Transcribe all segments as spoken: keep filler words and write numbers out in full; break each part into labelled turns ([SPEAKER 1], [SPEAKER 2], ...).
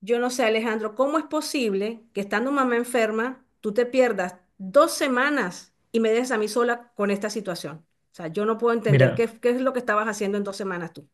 [SPEAKER 1] Yo no sé, Alejandro, ¿cómo es posible que estando mamá enferma, tú te pierdas dos semanas y me dejes a mí sola con esta situación? O sea, yo no puedo entender
[SPEAKER 2] Mira,
[SPEAKER 1] qué, qué es lo que estabas haciendo en dos semanas tú.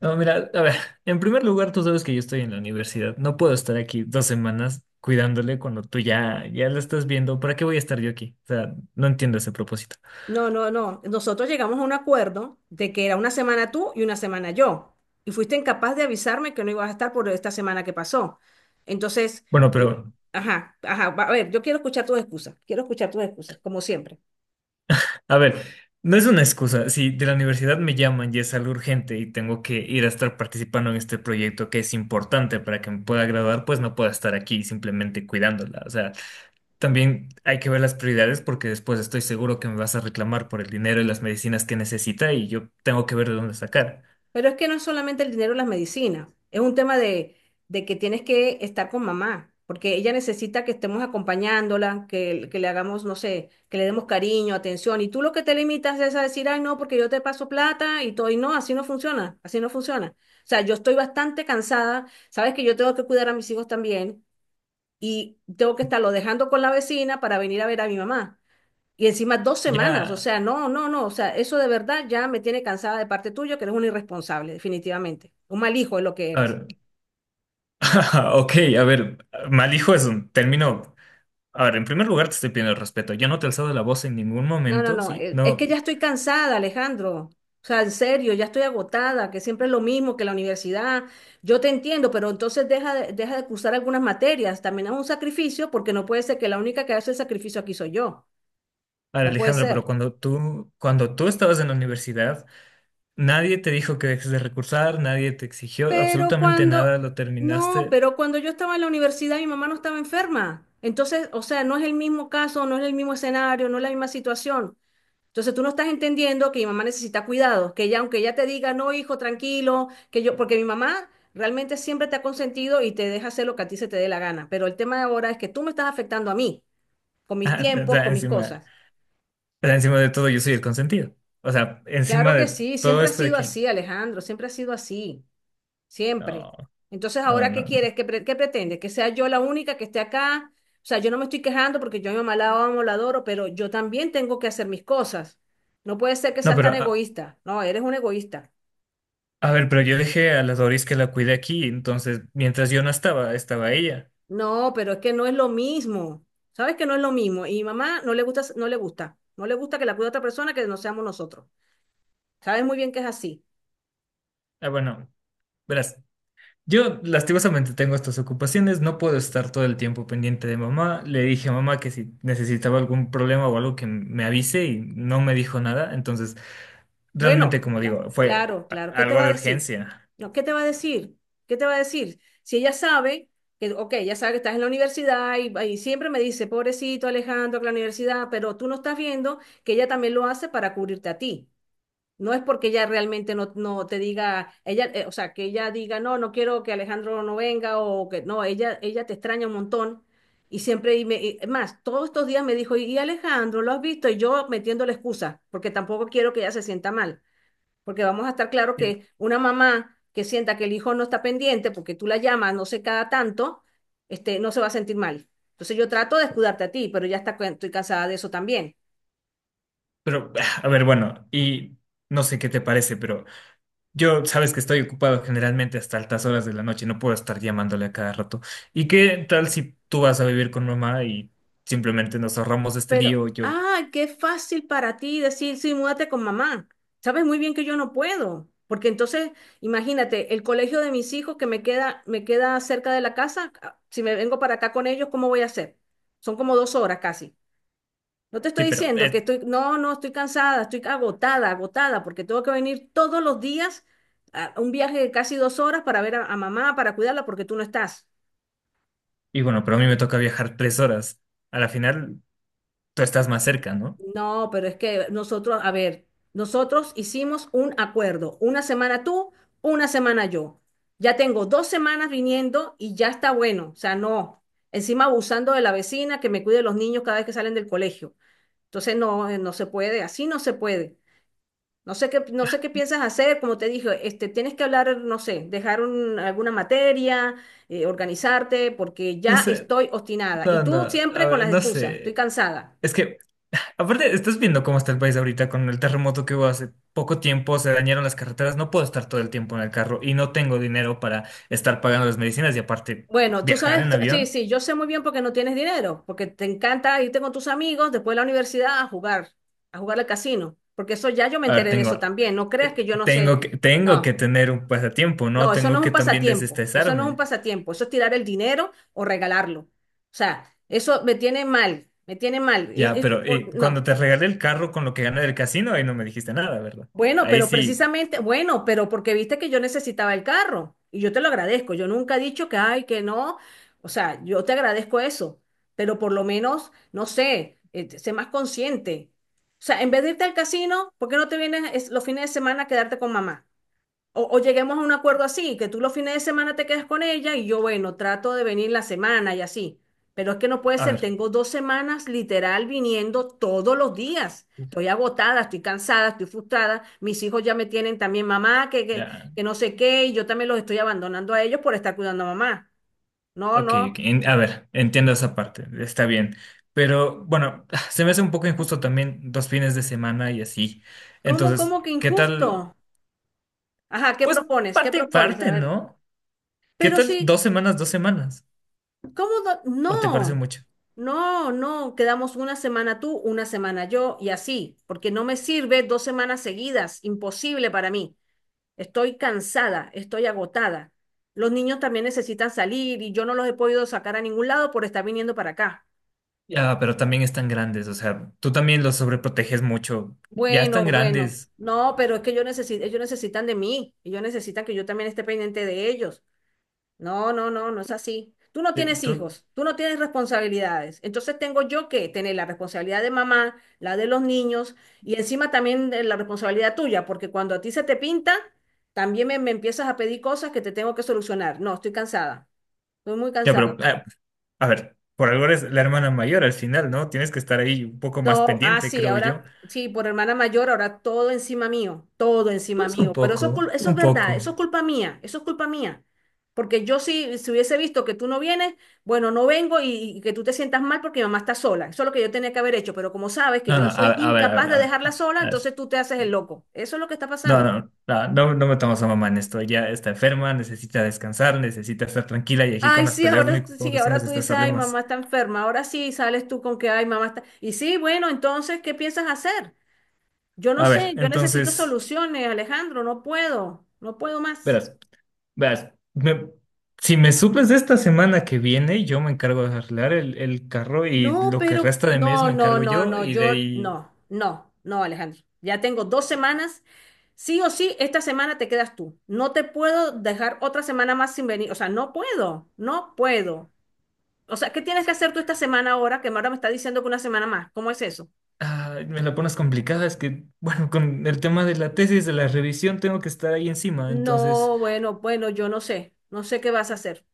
[SPEAKER 2] no, mira, a ver, en primer lugar, tú sabes que yo estoy en la universidad. No puedo estar aquí dos semanas cuidándole cuando tú ya, ya la estás viendo. ¿Para qué voy a estar yo aquí? O sea, no entiendo ese propósito.
[SPEAKER 1] No, no, no. Nosotros llegamos a un acuerdo de que era una semana tú y una semana yo. Y fuiste incapaz de avisarme que no ibas a estar por esta semana que pasó. Entonces,
[SPEAKER 2] Bueno,
[SPEAKER 1] l-
[SPEAKER 2] pero,
[SPEAKER 1] ajá, ajá, va- a ver, yo quiero escuchar tus excusas. Quiero escuchar tus excusas, como siempre.
[SPEAKER 2] a ver, no es una excusa. Si de la universidad me llaman y es algo urgente y tengo que ir a estar participando en este proyecto que es importante para que me pueda graduar, pues no puedo estar aquí simplemente cuidándola. O sea, también hay que ver las prioridades porque después estoy seguro que me vas a reclamar por el dinero y las medicinas que necesita y yo tengo que ver de dónde sacar.
[SPEAKER 1] Pero es que no es solamente el dinero y las medicinas, es un tema de, de que tienes que estar con mamá, porque ella necesita que estemos acompañándola, que, que le hagamos, no sé, que le demos cariño, atención, y tú lo que te limitas es a decir, ay, no, porque yo te paso plata y todo, y no, así no funciona, así no funciona. O sea, yo estoy bastante cansada, sabes que yo tengo que cuidar a mis hijos también, y tengo que estarlo dejando con la vecina para venir a ver a mi mamá. Y encima dos semanas, o
[SPEAKER 2] Ya,
[SPEAKER 1] sea, no, no, no, o sea, eso de verdad ya me tiene cansada de parte tuya, que eres un irresponsable, definitivamente. Un mal hijo es lo que
[SPEAKER 2] a
[SPEAKER 1] eres.
[SPEAKER 2] ver, ok, a ver, mal hijo es un término. A ver, en primer lugar te estoy pidiendo respeto. Yo no te he alzado la voz en ningún
[SPEAKER 1] No, no,
[SPEAKER 2] momento,
[SPEAKER 1] no,
[SPEAKER 2] ¿sí?
[SPEAKER 1] eh, es
[SPEAKER 2] No,
[SPEAKER 1] que ya estoy cansada, Alejandro. O sea, en serio, ya estoy agotada, que siempre es lo mismo que la universidad. Yo te entiendo, pero entonces deja de, deja de cursar algunas materias. También es un sacrificio porque no puede ser que la única que hace el sacrificio aquí soy yo.
[SPEAKER 2] a ver,
[SPEAKER 1] No puede
[SPEAKER 2] Alejandra, pero
[SPEAKER 1] ser.
[SPEAKER 2] cuando tú, cuando tú estabas en la universidad, nadie te dijo que dejes de recursar, nadie te exigió
[SPEAKER 1] Pero
[SPEAKER 2] absolutamente
[SPEAKER 1] cuando,
[SPEAKER 2] nada, lo
[SPEAKER 1] no,
[SPEAKER 2] terminaste.
[SPEAKER 1] pero cuando yo estaba en la universidad, mi mamá no estaba enferma. Entonces, o sea, no es el mismo caso, no es el mismo escenario, no es la misma situación. Entonces, tú no estás entendiendo que mi mamá necesita cuidados, que ella, aunque ella te diga, no, hijo, tranquilo, que yo, porque mi mamá realmente siempre te ha consentido y te deja hacer lo que a ti se te dé la gana. Pero el tema de ahora es que tú me estás afectando a mí, con mis
[SPEAKER 2] O
[SPEAKER 1] tiempos,
[SPEAKER 2] sea,
[SPEAKER 1] con mis
[SPEAKER 2] encima.
[SPEAKER 1] cosas.
[SPEAKER 2] Pero encima de todo, yo soy el consentido. O sea,
[SPEAKER 1] Claro
[SPEAKER 2] encima
[SPEAKER 1] que
[SPEAKER 2] de
[SPEAKER 1] sí,
[SPEAKER 2] todo
[SPEAKER 1] siempre ha
[SPEAKER 2] esto de
[SPEAKER 1] sido
[SPEAKER 2] que...
[SPEAKER 1] así, Alejandro, siempre ha sido así. Siempre.
[SPEAKER 2] No,
[SPEAKER 1] Entonces,
[SPEAKER 2] no,
[SPEAKER 1] ¿ahora
[SPEAKER 2] no,
[SPEAKER 1] qué
[SPEAKER 2] no.
[SPEAKER 1] quieres? ¿Qué, pre- qué pretendes? ¿Que sea yo la única que esté acá? O sea, yo no me estoy quejando porque yo a mi mamá la amo, la adoro, pero yo también tengo que hacer mis cosas. No puede ser que
[SPEAKER 2] No,
[SPEAKER 1] seas
[SPEAKER 2] pero
[SPEAKER 1] tan
[SPEAKER 2] a,
[SPEAKER 1] egoísta. No, eres un egoísta.
[SPEAKER 2] a ver, pero yo dejé a la Doris que la cuide aquí, entonces mientras yo no estaba, estaba ella.
[SPEAKER 1] No, pero es que no es lo mismo. ¿Sabes que no es lo mismo? Y mi mamá no le gusta, no le gusta. No le gusta que la cuide otra persona que no seamos nosotros. Sabes muy bien que es así.
[SPEAKER 2] Ah, bueno, verás, yo lastimosamente tengo estas ocupaciones, no puedo estar todo el tiempo pendiente de mamá. Le dije a mamá que si necesitaba algún problema o algo que me avise y no me dijo nada, entonces realmente,
[SPEAKER 1] Bueno,
[SPEAKER 2] como
[SPEAKER 1] no,
[SPEAKER 2] digo, fue
[SPEAKER 1] claro,
[SPEAKER 2] a-
[SPEAKER 1] claro. ¿Qué te
[SPEAKER 2] algo
[SPEAKER 1] va
[SPEAKER 2] de
[SPEAKER 1] a decir?
[SPEAKER 2] urgencia.
[SPEAKER 1] No, ¿qué te va a decir? ¿Qué te va a decir? Si ella sabe que, ok, ella sabe que estás en la universidad y, y siempre me dice, pobrecito Alejandro, que la universidad, pero tú no estás viendo que ella también lo hace para cubrirte a ti. No es porque ella realmente no, no te diga, ella, eh, o sea, que ella diga, no, no quiero que Alejandro no venga o que no, ella, ella te extraña un montón. Y siempre, y me, y- es más, todos estos días me dijo, y Alejandro, ¿lo has visto? Y yo metiendo la excusa, porque tampoco quiero que ella se sienta mal. Porque vamos a estar claro
[SPEAKER 2] Y-
[SPEAKER 1] que una mamá que sienta que el hijo no está pendiente porque tú la llamas, no sé, cada tanto, este, no se va a sentir mal. Entonces yo trato de escudarte a ti, pero ya está, estoy cansada de eso también.
[SPEAKER 2] Pero, ah, a ver, bueno, y no sé qué te parece, pero... Yo, sabes que estoy ocupado generalmente hasta altas horas de la noche, no puedo estar llamándole a cada rato. ¿Y qué tal si tú vas a vivir con mamá y simplemente nos ahorramos este
[SPEAKER 1] Pero,
[SPEAKER 2] lío? Yo,
[SPEAKER 1] ah, qué fácil para ti decir, sí, múdate con mamá. Sabes muy bien que yo no puedo, porque entonces, imagínate, el colegio de mis hijos que me queda, me queda, cerca de la casa, ah, si me vengo para acá con ellos, ¿cómo voy a hacer? Son como dos horas casi. No te
[SPEAKER 2] sí,
[SPEAKER 1] estoy
[SPEAKER 2] pero
[SPEAKER 1] diciendo que
[SPEAKER 2] eh,
[SPEAKER 1] estoy, no, no, estoy cansada, estoy agotada, agotada, porque tengo que venir todos los días a un viaje de casi dos horas para ver a, a mamá, para cuidarla, porque tú no estás.
[SPEAKER 2] y bueno, pero a mí me toca viajar tres horas. A la final, tú estás más cerca, ¿no?
[SPEAKER 1] No, pero es que nosotros, a ver, nosotros hicimos un acuerdo, una semana tú, una semana yo. Ya tengo dos semanas viniendo y ya está bueno, o sea, no. Encima abusando de la vecina que me cuide los niños cada vez que salen del colegio. Entonces, no, eh, no se puede, así no se puede. No sé qué, no sé qué piensas hacer, como te dije, este, tienes que hablar, no sé, dejar un- alguna materia, eh, organizarte, porque
[SPEAKER 2] No
[SPEAKER 1] ya
[SPEAKER 2] sé,
[SPEAKER 1] estoy obstinada. Y
[SPEAKER 2] no, no,
[SPEAKER 1] tú
[SPEAKER 2] a
[SPEAKER 1] siempre con
[SPEAKER 2] ver,
[SPEAKER 1] las
[SPEAKER 2] no
[SPEAKER 1] excusas, estoy
[SPEAKER 2] sé.
[SPEAKER 1] cansada.
[SPEAKER 2] Es que, aparte, estás viendo cómo está el país ahorita con el terremoto que hubo hace poco tiempo, se dañaron las carreteras, no puedo estar todo el tiempo en el carro y no tengo dinero para estar pagando las medicinas y aparte
[SPEAKER 1] Bueno, tú
[SPEAKER 2] viajar
[SPEAKER 1] sabes,
[SPEAKER 2] en
[SPEAKER 1] tú- sí,
[SPEAKER 2] avión.
[SPEAKER 1] sí, yo sé muy bien porque no tienes dinero, porque te encanta irte con tus amigos después de la universidad a jugar, a jugar al casino, porque eso ya yo me
[SPEAKER 2] A ver,
[SPEAKER 1] enteré de eso
[SPEAKER 2] tengo,
[SPEAKER 1] también, no creas
[SPEAKER 2] eh,
[SPEAKER 1] que yo no sé,
[SPEAKER 2] tengo que, tengo que
[SPEAKER 1] no.
[SPEAKER 2] tener un pasatiempo, ¿no?
[SPEAKER 1] No, eso no
[SPEAKER 2] Tengo
[SPEAKER 1] es
[SPEAKER 2] que
[SPEAKER 1] un
[SPEAKER 2] también
[SPEAKER 1] pasatiempo, eso no es un
[SPEAKER 2] desestresarme.
[SPEAKER 1] pasatiempo, eso es tirar el dinero o regalarlo. O sea, eso me tiene mal, me tiene mal. Es-
[SPEAKER 2] Ya,
[SPEAKER 1] es-
[SPEAKER 2] pero eh,
[SPEAKER 1] por-
[SPEAKER 2] cuando
[SPEAKER 1] no,
[SPEAKER 2] te regalé el carro con lo que gané del casino, ahí no me dijiste nada, ¿verdad?
[SPEAKER 1] bueno,
[SPEAKER 2] Ahí
[SPEAKER 1] pero
[SPEAKER 2] sí,
[SPEAKER 1] precisamente, bueno, pero porque viste que yo necesitaba el carro y yo te lo agradezco, yo nunca he dicho que, ay, que no, o sea, yo te agradezco eso, pero por lo menos, no sé, eh, sé más consciente. O sea, en vez de irte al casino, ¿por qué no te vienes es- los fines de semana a quedarte con mamá? O, o lleguemos a un acuerdo así, que tú los fines de semana te quedes con ella y yo, bueno, trato de venir la semana y así. Pero es que no puede
[SPEAKER 2] a
[SPEAKER 1] ser,
[SPEAKER 2] ver,
[SPEAKER 1] tengo dos semanas literal viniendo todos los días. Estoy agotada, estoy cansada, estoy frustrada. Mis hijos ya me tienen también mamá, que, que,
[SPEAKER 2] ya,
[SPEAKER 1] que no sé qué, y yo también los estoy abandonando a ellos por estar cuidando a mamá. No,
[SPEAKER 2] ok, ok,
[SPEAKER 1] no.
[SPEAKER 2] en- a ver, entiendo esa parte, está bien. Pero bueno, se me hace un poco injusto también dos fines de semana y así.
[SPEAKER 1] ¿Cómo,
[SPEAKER 2] Entonces,
[SPEAKER 1] cómo que
[SPEAKER 2] ¿qué tal?
[SPEAKER 1] injusto? Ajá, ¿qué
[SPEAKER 2] Pues
[SPEAKER 1] propones? ¿Qué
[SPEAKER 2] parte y
[SPEAKER 1] propones? A
[SPEAKER 2] parte,
[SPEAKER 1] ver.
[SPEAKER 2] ¿no? ¿Qué
[SPEAKER 1] Pero
[SPEAKER 2] tal
[SPEAKER 1] sí,
[SPEAKER 2] dos semanas, dos semanas?
[SPEAKER 1] ¿cómo? do-
[SPEAKER 2] ¿O te parece
[SPEAKER 1] No.
[SPEAKER 2] mucho?
[SPEAKER 1] No, no, quedamos una semana tú, una semana yo y así, porque no me sirve dos semanas seguidas, imposible para mí. Estoy cansada, estoy agotada. Los niños también necesitan salir y yo no los he podido sacar a ningún lado por estar viniendo para acá.
[SPEAKER 2] Ya, pero también están grandes, o sea, tú también los sobreproteges mucho. Ya
[SPEAKER 1] Bueno,
[SPEAKER 2] están
[SPEAKER 1] bueno,
[SPEAKER 2] grandes.
[SPEAKER 1] no, pero es que yo necesi- ellos necesitan de mí, ellos necesitan que yo también esté pendiente de ellos. No, no, no, no es así. Tú no
[SPEAKER 2] Eh,
[SPEAKER 1] tienes
[SPEAKER 2] Tú,
[SPEAKER 1] hijos, tú no tienes responsabilidades. Entonces tengo yo que tener la responsabilidad de mamá, la de los niños y encima también de la responsabilidad tuya, porque cuando a ti se te pinta, también me, me empiezas a pedir cosas que te tengo que solucionar. No, estoy cansada, estoy muy
[SPEAKER 2] ya,
[SPEAKER 1] cansada.
[SPEAKER 2] pero, ah, a ver, por algo eres la hermana mayor al final, ¿no? Tienes que estar ahí un poco más
[SPEAKER 1] No, ah,
[SPEAKER 2] pendiente,
[SPEAKER 1] sí,
[SPEAKER 2] creo yo.
[SPEAKER 1] ahora sí, por hermana mayor, ahora todo encima mío, todo encima
[SPEAKER 2] Pues un
[SPEAKER 1] mío. Pero eso es, cul-
[SPEAKER 2] poco,
[SPEAKER 1] eso es
[SPEAKER 2] un
[SPEAKER 1] verdad,
[SPEAKER 2] poco.
[SPEAKER 1] eso es culpa mía, eso es culpa mía. Porque yo sí, si hubiese visto que tú no vienes, bueno, no vengo y, y que tú te sientas mal porque mi mamá está sola. Eso es lo que yo tenía que haber hecho. Pero como sabes que
[SPEAKER 2] No,
[SPEAKER 1] yo
[SPEAKER 2] no,
[SPEAKER 1] soy
[SPEAKER 2] a, a ver, a
[SPEAKER 1] incapaz
[SPEAKER 2] ver,
[SPEAKER 1] de
[SPEAKER 2] a ver.
[SPEAKER 1] dejarla
[SPEAKER 2] Ah,
[SPEAKER 1] sola,
[SPEAKER 2] a ver.
[SPEAKER 1] entonces tú te haces el
[SPEAKER 2] Sí.
[SPEAKER 1] loco. Eso es lo que está
[SPEAKER 2] No,
[SPEAKER 1] pasando.
[SPEAKER 2] no, no, no, no metamos a mamá en esto. Ya está enferma, necesita descansar, necesita estar tranquila y aquí con
[SPEAKER 1] Ay,
[SPEAKER 2] las
[SPEAKER 1] sí,
[SPEAKER 2] peleas lo
[SPEAKER 1] ahora
[SPEAKER 2] único que estamos
[SPEAKER 1] sí,
[SPEAKER 2] haciendo es
[SPEAKER 1] ahora tú dices,
[SPEAKER 2] estresarle
[SPEAKER 1] ay, mamá
[SPEAKER 2] más.
[SPEAKER 1] está enferma. Ahora sí sales tú con que, ay, mamá está. Y sí, bueno, entonces, ¿qué piensas hacer? Yo no
[SPEAKER 2] A
[SPEAKER 1] sé,
[SPEAKER 2] ver,
[SPEAKER 1] yo necesito
[SPEAKER 2] entonces,
[SPEAKER 1] soluciones, Alejandro, no puedo, no puedo más.
[SPEAKER 2] verás. Veas, me- si me suples de esta semana que viene, yo me encargo de arreglar el, el carro y
[SPEAKER 1] No,
[SPEAKER 2] lo que
[SPEAKER 1] pero
[SPEAKER 2] resta de mes
[SPEAKER 1] no,
[SPEAKER 2] me
[SPEAKER 1] no,
[SPEAKER 2] encargo
[SPEAKER 1] no,
[SPEAKER 2] yo
[SPEAKER 1] no,
[SPEAKER 2] y de
[SPEAKER 1] yo
[SPEAKER 2] ahí
[SPEAKER 1] no, no, no, Alejandro. Ya tengo dos semanas. Sí o sí, esta semana te quedas tú. No te puedo dejar otra semana más sin venir. O sea, no puedo, no puedo. O sea, ¿qué tienes que hacer tú esta semana ahora que ahora me está diciendo que una semana más? ¿Cómo es eso?
[SPEAKER 2] ah, me la pones complicada. Es que, bueno, con el tema de la tesis, de la revisión, tengo que estar ahí encima. Entonces,
[SPEAKER 1] No, bueno, bueno, yo no sé, no sé qué vas a hacer.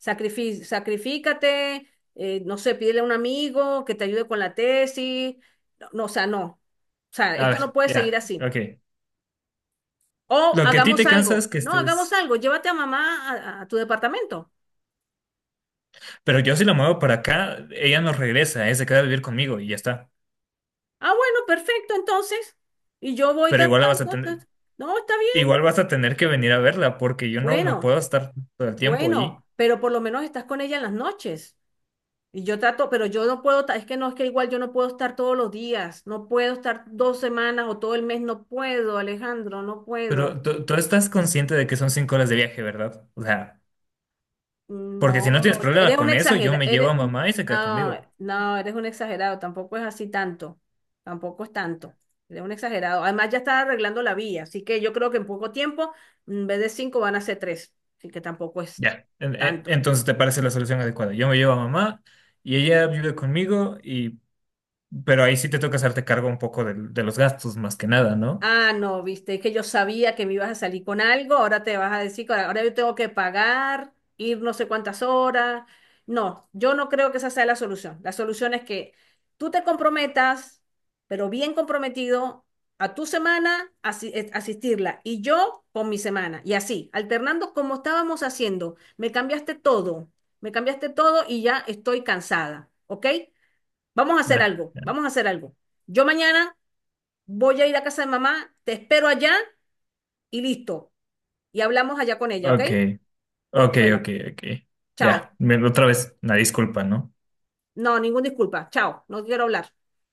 [SPEAKER 1] Sacrifi- sacrifícate, eh, no sé, pídele a un amigo que te ayude con la tesis. No, no, o sea, no. O sea,
[SPEAKER 2] a
[SPEAKER 1] esto no
[SPEAKER 2] ver,
[SPEAKER 1] puede seguir
[SPEAKER 2] ya,
[SPEAKER 1] así.
[SPEAKER 2] ok.
[SPEAKER 1] O
[SPEAKER 2] Lo que a ti
[SPEAKER 1] hagamos
[SPEAKER 2] te cansa es
[SPEAKER 1] algo.
[SPEAKER 2] que
[SPEAKER 1] No, hagamos
[SPEAKER 2] estés...
[SPEAKER 1] algo. Llévate a mamá a, a tu departamento.
[SPEAKER 2] Pero yo si la muevo para acá, ella no regresa, ¿eh? Se queda a vivir conmigo y ya está.
[SPEAKER 1] Ah, bueno, perfecto, entonces. Y yo voy
[SPEAKER 2] Pero
[SPEAKER 1] cada
[SPEAKER 2] igual la vas a
[SPEAKER 1] tanto.
[SPEAKER 2] tener,
[SPEAKER 1] Entonces, no, está bien.
[SPEAKER 2] igual vas a tener que venir a verla porque yo no, no
[SPEAKER 1] Bueno,
[SPEAKER 2] puedo estar todo el tiempo
[SPEAKER 1] bueno,
[SPEAKER 2] ahí.
[SPEAKER 1] pero por lo menos estás con ella en las noches. Y yo trato, pero yo no puedo, ta- es que no, es que igual yo no puedo estar todos los días, no puedo estar dos semanas o todo el mes, no puedo, Alejandro, no
[SPEAKER 2] Pero
[SPEAKER 1] puedo.
[SPEAKER 2] tú, tú estás consciente de que son cinco horas de viaje, ¿verdad? O sea, porque si no
[SPEAKER 1] No,
[SPEAKER 2] tienes problema
[SPEAKER 1] eres un
[SPEAKER 2] con eso, yo
[SPEAKER 1] exagerado,
[SPEAKER 2] me llevo a
[SPEAKER 1] eres,
[SPEAKER 2] mamá y se queda
[SPEAKER 1] no,
[SPEAKER 2] conmigo.
[SPEAKER 1] no, eres un exagerado, tampoco es así tanto, tampoco es tanto, eres un exagerado. Además ya está arreglando la vía, así que yo creo que en poco tiempo, en vez de cinco van a ser tres, así que tampoco es
[SPEAKER 2] Ya. En- en-
[SPEAKER 1] tanto.
[SPEAKER 2] Entonces te parece la solución adecuada. Yo me llevo a mamá y ella vive conmigo y... Pero ahí sí te toca hacerte cargo un poco del- de, los gastos, más que nada, ¿no?
[SPEAKER 1] Ah, no, viste, es que yo sabía que me ibas a salir con algo, ahora te vas a decir que ahora yo tengo que pagar, ir no sé cuántas horas. No, yo no creo que esa sea la solución. La solución es que tú te comprometas, pero bien comprometido, a tu semana asi- eh, asistirla y yo con mi semana. Y así, alternando como estábamos haciendo. Me cambiaste todo, me cambiaste todo y ya estoy cansada, ¿ok? Vamos a hacer
[SPEAKER 2] Ah,
[SPEAKER 1] algo, vamos a hacer algo. Yo mañana. Voy a ir a casa de mamá, te espero allá y listo. Y hablamos allá con ella, ¿ok?
[SPEAKER 2] ok, ok, ok,
[SPEAKER 1] Bueno,
[SPEAKER 2] ok. Ya,
[SPEAKER 1] chao.
[SPEAKER 2] me- otra vez, una disculpa, ¿no?
[SPEAKER 1] No, ninguna disculpa. Chao, no quiero hablar.